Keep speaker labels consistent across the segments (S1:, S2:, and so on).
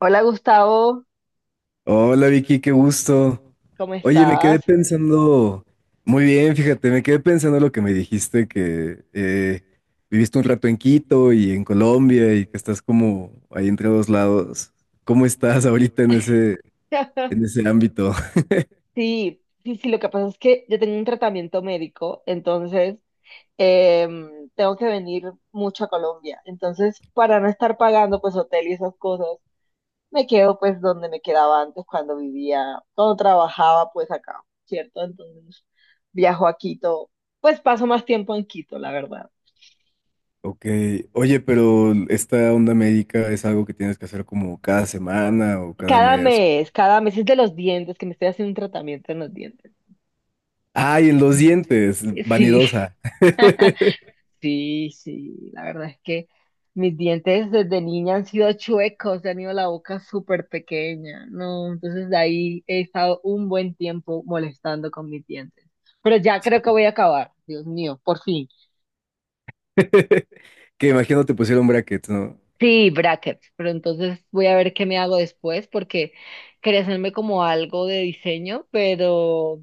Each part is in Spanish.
S1: Hola Gustavo,
S2: Hola Vicky, qué gusto.
S1: ¿cómo
S2: Oye, me quedé
S1: estás?
S2: pensando, muy bien, fíjate, me quedé pensando lo que me dijiste, que viviste un rato en Quito y en Colombia y que estás como ahí entre dos lados. ¿Cómo estás ahorita en ese, en ese ámbito?
S1: Sí, sí, sí, lo que pasa es que yo tengo un tratamiento médico, entonces tengo que venir mucho a Colombia. Entonces, para no estar pagando pues hotel y esas cosas, me quedo pues donde me quedaba antes cuando vivía, cuando trabajaba pues acá, ¿cierto? Entonces viajo a Quito, pues paso más tiempo en Quito, la verdad.
S2: Ok, oye, pero esta onda médica es algo que tienes que hacer como cada semana o cada mes.
S1: Cada mes es de los dientes, que me estoy haciendo un tratamiento en los dientes.
S2: Ay, en los dientes,
S1: Sí.
S2: vanidosa.
S1: Sí, sí, la verdad es que mis dientes desde niña han sido chuecos, he tenido la boca súper pequeña, ¿no? Entonces de ahí he estado un buen tiempo molestando con mis dientes. Pero ya creo que voy a acabar, Dios mío, por fin.
S2: Que imagino te pusieron brackets, ¿no?
S1: Sí, brackets, pero entonces voy a ver qué me hago después porque quería hacerme como algo de diseño, pero,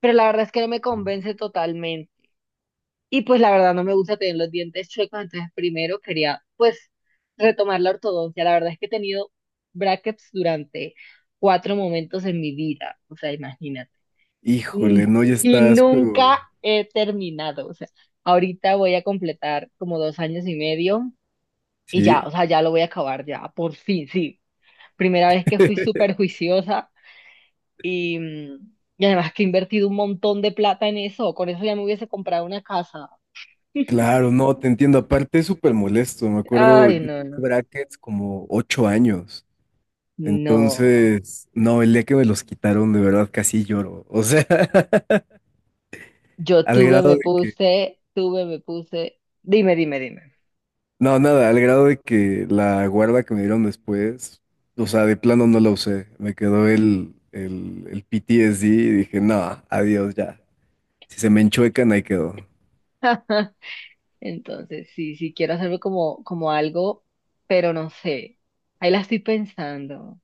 S1: pero la verdad es que no me convence totalmente. Y pues la verdad no me gusta tener los dientes chuecos, entonces primero quería pues retomar la ortodoncia. La verdad es que he tenido brackets durante cuatro momentos en mi vida, o sea, imagínate. Mm,
S2: Híjole, no, ya
S1: Y
S2: estás, pero
S1: nunca he terminado, o sea, ahorita voy a completar como 2 años y medio y ya,
S2: sí,
S1: o sea, ya lo voy a acabar ya, por fin, sí. Primera vez que fui súper juiciosa y, mm, y además que he invertido un montón de plata en eso, con eso ya me hubiese comprado una casa.
S2: claro, no, te entiendo. Aparte es súper molesto, me acuerdo,
S1: Ay,
S2: yo
S1: no,
S2: tuve
S1: no.
S2: brackets como 8 años.
S1: No,
S2: Entonces, no, el día que me los quitaron, de verdad casi lloro. O sea,
S1: yo
S2: al
S1: tuve,
S2: grado
S1: me
S2: de que,
S1: puse, tuve, me puse. Dime, dime, dime.
S2: no, nada, al grado de que la guarda que me dieron después, o sea, de plano no la usé. Me quedó el PTSD y dije, no, adiós ya. Si se me enchuecan, ahí quedó.
S1: Entonces, sí, sí quiero hacerlo como algo, pero no sé. Ahí la estoy pensando.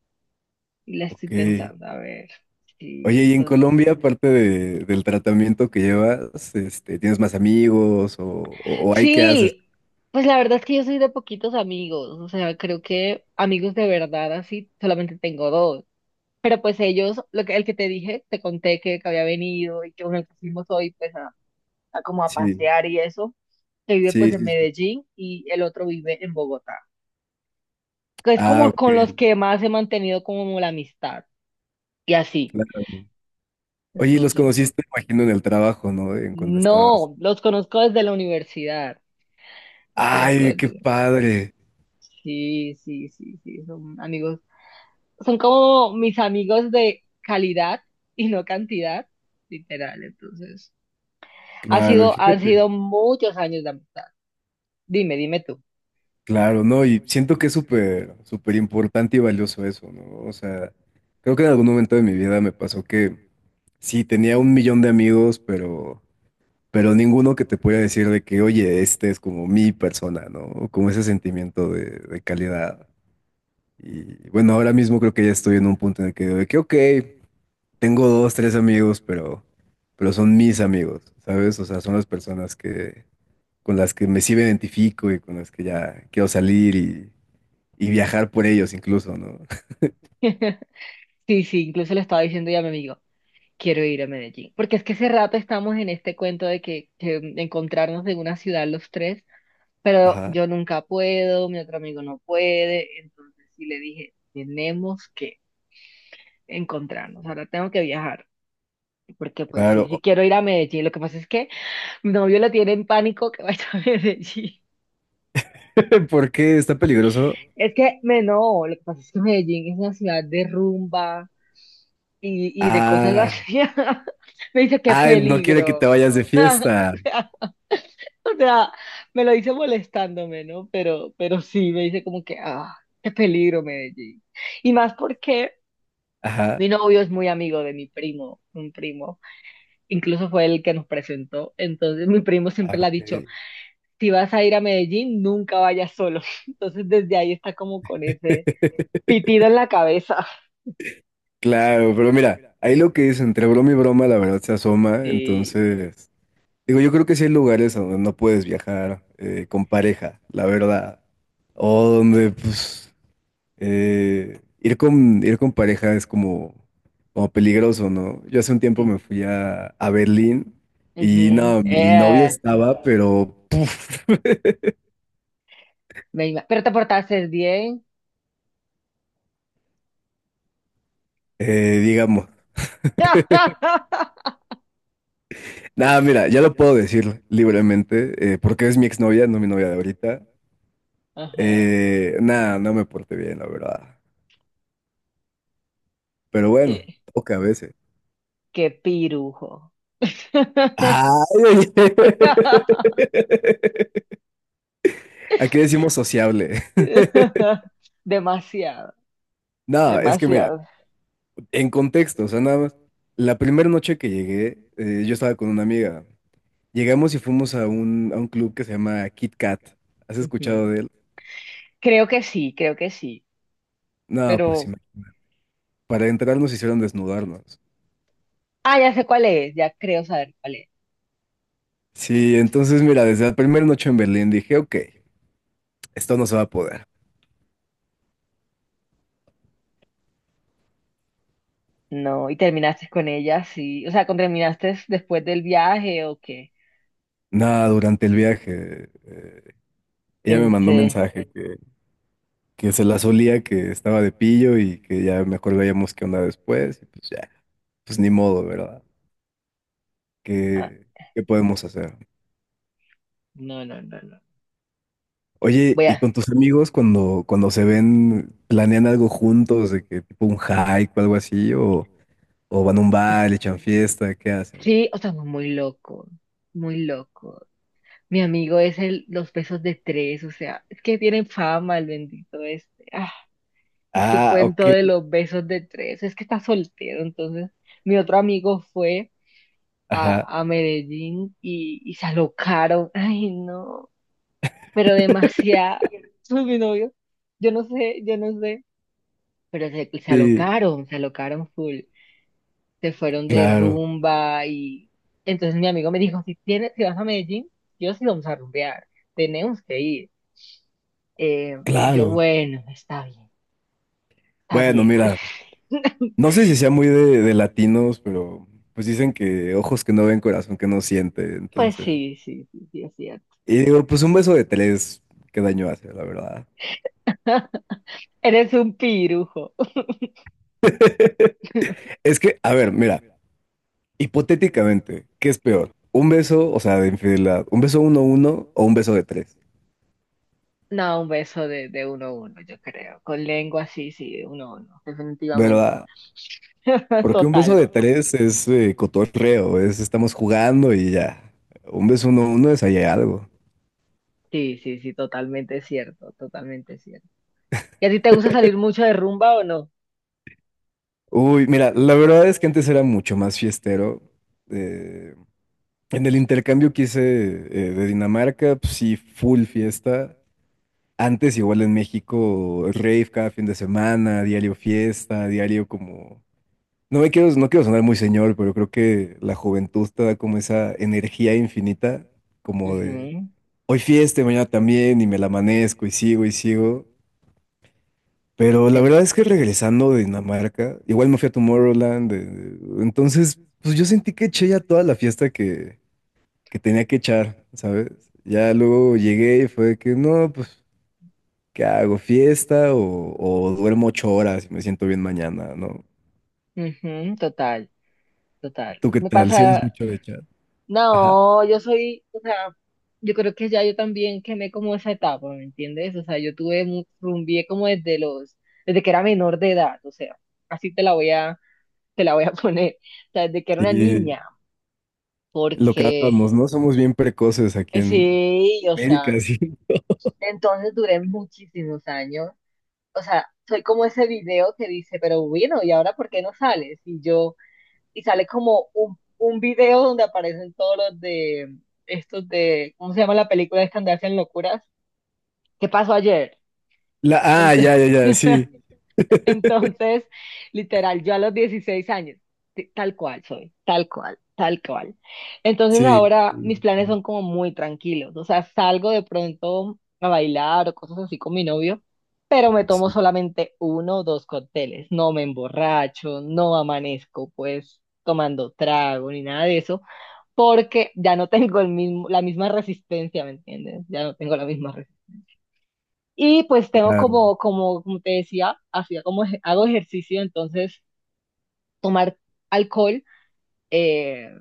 S1: Y la estoy
S2: Ok.
S1: pensando, a ver. Sí,
S2: Oye, y en
S1: entonces.
S2: Colombia, aparte del tratamiento que llevas, este, ¿tienes más amigos o hay qué haces?
S1: Sí, pues la verdad es que yo soy de poquitos amigos. O sea, creo que amigos de verdad así solamente tengo dos. Pero pues ellos, lo que, el que te dije, te conté que, había venido y que uno que fuimos hoy, pues. A como a
S2: Sí,
S1: pasear y eso, que vive pues
S2: sí,
S1: en
S2: sí, sí.
S1: Medellín y el otro vive en Bogotá, que es
S2: Ah,
S1: como
S2: ok,
S1: con los que más he mantenido como la amistad y así.
S2: claro. Oye, y los
S1: Entonces,
S2: conociste, imagino, en el trabajo, ¿no? En cuando estabas.
S1: no, los conozco desde la universidad, los conozco
S2: Ay,
S1: desde
S2: qué
S1: la universidad.
S2: padre.
S1: Sí, sí, sí, sí, son amigos, son como mis amigos de calidad y no cantidad, literal, entonces. Ha
S2: Claro, y
S1: sido, han
S2: fíjate.
S1: sido muchos años de amistad. Dime, dime tú.
S2: Claro, no, y siento que es súper, súper importante y valioso eso, ¿no? O sea, creo que en algún momento de mi vida me pasó que sí, tenía un millón de amigos, pero ninguno que te pueda decir de que, oye, este es como mi persona, ¿no? O como ese sentimiento de calidad. Y bueno, ahora mismo creo que ya estoy en un punto en el que digo de que, ok, tengo dos, tres amigos, pero son mis amigos, ¿sabes? O sea, son las personas que, con las que me sí me identifico y con las que ya quiero salir y viajar por ellos incluso, ¿no?
S1: Sí, sí, incluso le estaba diciendo ya a mi amigo. Quiero ir a Medellín, porque es que hace rato estamos en este cuento de que, encontrarnos en una ciudad los tres, pero
S2: Ajá,
S1: yo nunca puedo, mi otro amigo no puede, entonces sí le dije, tenemos que encontrarnos, ahora tengo que viajar, porque pues sí, sí
S2: claro.
S1: quiero ir a Medellín, lo que pasa es que mi novio le tiene en pánico que vaya a Medellín.
S2: ¿Por qué está peligroso?
S1: Es que, no, lo que pasa es que Medellín es una ciudad de rumba y de cosas
S2: Ah,
S1: así. Me dice, qué
S2: ah, no quiere que te
S1: peligro.
S2: vayas de fiesta.
S1: O sea, me lo dice molestándome, ¿no? Pero sí, me dice como que, ah, qué peligro Medellín. Y más porque mi
S2: Ajá.
S1: novio es muy amigo de mi primo, un primo, incluso fue el que nos presentó. Entonces mi primo siempre
S2: Ah,
S1: le ha dicho,
S2: ok.
S1: si vas a ir a Medellín, nunca vayas solo. Entonces desde ahí está como con ese pitido en la cabeza.
S2: Claro, pero mira, ahí lo que dicen, entre broma y broma, la verdad se asoma.
S1: Sí,
S2: Entonces, digo, yo creo que sí hay lugares a donde no puedes viajar con pareja, la verdad. O donde, pues, ir con pareja es como peligroso, ¿no? Yo hace un tiempo
S1: sí.
S2: me fui a Berlín y
S1: Ujú.
S2: no, mi novia
S1: Eh,
S2: estaba, pero, puf,
S1: me ima- pero te portaste bien.
S2: digamos. Nada, mira, ya lo puedo decir libremente, porque es mi exnovia, no mi novia de ahorita.
S1: Ajá,
S2: Nada, no me porté bien, la verdad. Pero bueno,
S1: qué,
S2: toca a veces.
S1: qué pirujo.
S2: Ay, oye. Aquí decimos sociable.
S1: Demasiado,
S2: No, es que mira,
S1: demasiado.
S2: en contexto, o sea, nada más. La primera noche que llegué, yo estaba con una amiga. Llegamos y fuimos a un club que se llama Kit Kat. ¿Has
S1: Ujú.
S2: escuchado de él?
S1: Creo que sí, creo que sí.
S2: No, pues sí,
S1: Pero,
S2: imagínate. Para entrar nos hicieron desnudarnos.
S1: ya sé cuál es, ya creo saber cuál es.
S2: Sí, entonces mira, desde la primera noche en Berlín dije, ok, esto no se va a poder.
S1: No, y terminaste con ella, sí. O sea, ¿con terminaste después del viaje o qué?
S2: Nada, durante el viaje. Ella me
S1: En
S2: mandó un
S1: se-
S2: mensaje que se la solía, que estaba de pillo y que ya mejor veíamos qué onda después. Y pues ya, pues ni modo, ¿verdad?
S1: ah,
S2: ¿Qué, qué podemos hacer?
S1: no, no, no, no.
S2: Oye,
S1: Voy
S2: ¿y
S1: a.
S2: con tus amigos cuando, cuando se ven, planean algo juntos, de que tipo un hike o algo así? ¿O van a un bar, le echan fiesta? ¿Qué hacen?
S1: Sí, o sea, muy loco, muy loco. Mi amigo es los besos de tres, o sea, es que tienen fama el bendito este. Ah, su
S2: Ah,
S1: cuento
S2: ok.
S1: de los besos de tres. Es que está soltero, entonces mi otro amigo fue
S2: Ajá.
S1: a Medellín y se alocaron. Ay, no, pero demasiado. Mi novio, yo no sé, pero se
S2: Sí,
S1: alocaron, se alocaron full. Se fueron de
S2: claro,
S1: rumba y entonces mi amigo me dijo, si vas a Medellín, yo sí vamos a rumbear, tenemos que ir. Y yo,
S2: claro.
S1: bueno, está bien, está
S2: Bueno,
S1: bien.
S2: mira. No sé si sea muy de latinos, pero pues dicen que ojos que no ven, corazón que no siente,
S1: Pues
S2: entonces.
S1: sí, sí, sí, sí, es cierto.
S2: Y digo, pues un beso de tres, qué daño hace, la verdad.
S1: Eres un pirujo.
S2: Es que, a ver, mira, hipotéticamente, ¿qué es peor? ¿Un beso, o sea, de infidelidad? ¿Un beso uno uno o un beso de tres?
S1: No, un beso de uno a uno, yo creo. Con lengua, sí, sí, de uno a uno, definitivamente.
S2: ¿Verdad? Porque un beso
S1: Total.
S2: de tres es cotorreo, es estamos jugando y ya. Un beso uno uno es ahí algo.
S1: Sí, sí, sí, totalmente cierto, totalmente cierto. ¿Y a ti te gusta salir mucho de rumba o no?
S2: Uy, mira, la verdad es que antes era mucho más fiestero. eh, En el intercambio que hice de Dinamarca, pues sí, full fiesta. Antes igual en México, rave cada fin de semana, diario fiesta, diario como. No quiero sonar muy señor, pero creo que la juventud te da como esa energía infinita, como de
S1: Ujú,
S2: hoy fiesta, y mañana también, y me la amanezco, y sigo, y sigo. Pero la
S1: ten-
S2: verdad es que regresando de Dinamarca, igual me fui a Tomorrowland, entonces, pues yo sentí que eché ya toda la fiesta que tenía que echar, ¿sabes? Ya luego llegué y fue que, no, pues, ¿qué hago? ¿Fiesta o duermo 8 horas y me siento bien mañana, ¿no?
S1: ujú, total, total.
S2: ¿Tú qué
S1: Me
S2: tal? Si eres
S1: pasa,
S2: mucho de echar. Ajá.
S1: no, yo soy, o sea, yo creo que ya yo también quemé como esa etapa, ¿me entiendes? O sea, yo tuve, rumbié como desde que era menor de edad, o sea, así te la voy a poner, o sea, desde que era una
S2: Sí,
S1: niña,
S2: lo que
S1: porque
S2: hablábamos, ¿no? Somos bien precoces aquí en
S1: sí, o
S2: América,
S1: sea,
S2: sí.
S1: entonces duré muchísimos años, o sea, soy como ese video que dice, pero bueno, ¿y ahora por qué no sales? Y yo, y sale como un video donde aparecen todos los de, estos de, ¿cómo se llama la película de Escandalcia en Locuras? ¿Qué pasó ayer?
S2: Ah,
S1: Entonces,
S2: ya, ya, ya, sí.
S1: entonces, literal, yo a los 16 años, tal cual soy, tal cual, tal cual. Entonces
S2: Sí.
S1: ahora mis planes son como muy tranquilos, o sea, salgo de pronto a bailar o cosas así con mi novio, pero me tomo
S2: Sí,
S1: solamente uno o dos cócteles, no me emborracho, no amanezco pues tomando trago ni nada de eso, porque ya no tengo la misma resistencia, ¿me entiendes? Ya no tengo la misma resistencia. Y pues tengo
S2: claro.
S1: como te decía, hago ejercicio, entonces tomar alcohol eh,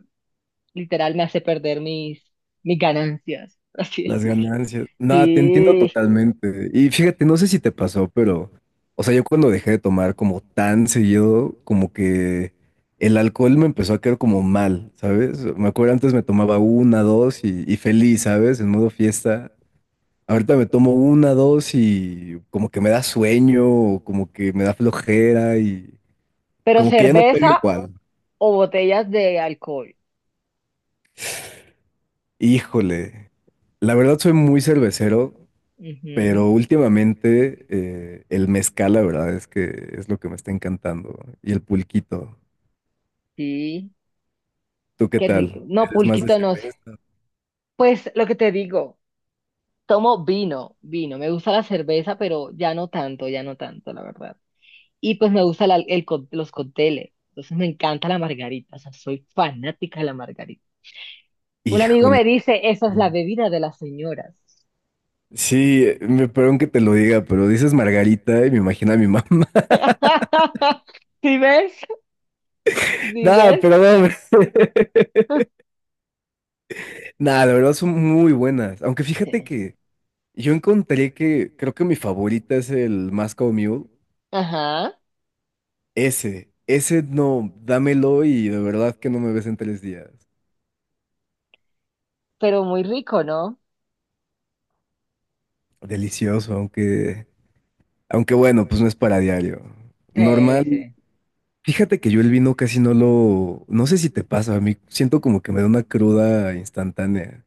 S1: literal me hace perder mis ganancias, por así
S2: Las
S1: decirlo.
S2: ganancias. Nada, te entiendo
S1: Sí,
S2: totalmente. Y fíjate, no sé si te pasó, pero, o sea, yo cuando dejé de tomar como tan seguido, como que el alcohol me empezó a caer como mal, ¿sabes? Me acuerdo antes me tomaba una, dos y feliz, ¿sabes? En modo fiesta. Ahorita me tomo una, dos y como que me da sueño, o como que me da flojera y
S1: pero
S2: como que ya no pega
S1: cerveza
S2: igual.
S1: o botellas de alcohol.
S2: Híjole. La verdad soy muy cervecero.
S1: Ujú.
S2: Pero últimamente el mezcal, la verdad es que es lo que me está encantando. Y el pulquito.
S1: Sí,
S2: ¿Tú qué
S1: qué rico.
S2: tal?
S1: No,
S2: ¿Eres más de
S1: pulquito no sé.
S2: cerveza?
S1: Pues lo que te digo, tomo vino, vino. Me gusta la cerveza, pero ya no tanto, la verdad. Y pues me gusta los cócteles. Entonces me encanta la margarita, o sea, soy fanática de la margarita. Un amigo
S2: Híjole.
S1: me dice, esa es la bebida de las señoras.
S2: Sí, me perdón que te lo diga, pero dices Margarita y me imagino a mi mamá.
S1: ¿Sí ves? ¿Sí
S2: Nada,
S1: ves?
S2: pero no, hombre. Nada, la verdad son muy buenas. Aunque fíjate
S1: Sí.
S2: que yo encontré que creo que mi favorita es el Moscow Mule.
S1: Ajá,
S2: Ese no, dámelo y de verdad que no me ves en 3 días.
S1: pero muy rico, ¿no?
S2: Delicioso, aunque. Aunque bueno, pues no es para diario.
S1: Sí,
S2: Normal.
S1: sí.
S2: Fíjate que yo el vino casi No sé si te pasa, a mí siento como que me da una cruda instantánea.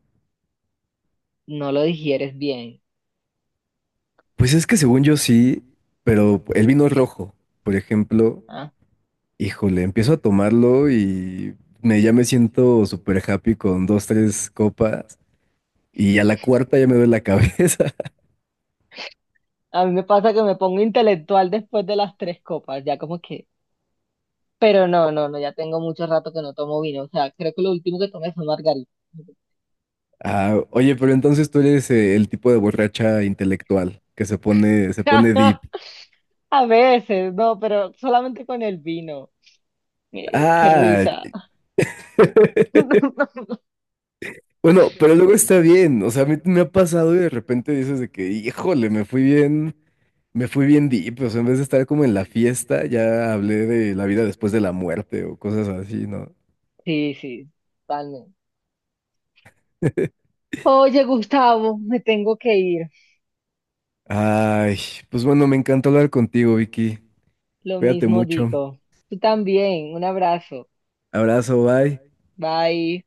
S1: No lo digieres bien.
S2: Pues es que según yo sí, pero el vino rojo, por ejemplo,
S1: ¿Ah?
S2: híjole, empiezo a tomarlo y ya me siento súper happy con dos, tres copas y a la cuarta ya me duele la cabeza.
S1: A mí me pasa que me pongo intelectual después de las tres copas, ya como que. Pero no, no, no, ya tengo mucho rato que no tomo vino. O sea, creo que lo último que tomé fue margarita.
S2: Ah, oye, pero entonces tú eres el tipo de borracha intelectual que se pone deep.
S1: A veces, no, pero solamente con el vino. Qué
S2: Ah,
S1: risa.
S2: Bueno, pero luego está bien, o sea, a mí me ha pasado y de repente dices de que, híjole, me fui bien deep, o sea, en vez de estar como en la fiesta, ya hablé de la vida después de la muerte o cosas así, ¿no?
S1: Sí, sí, totalmente. Oye, Gustavo, me tengo que ir.
S2: Ay, pues bueno, me encantó hablar contigo, Vicky.
S1: Lo
S2: Cuídate
S1: mismo
S2: mucho.
S1: digo. Tú también. Un abrazo.
S2: Abrazo, bye.
S1: Bye.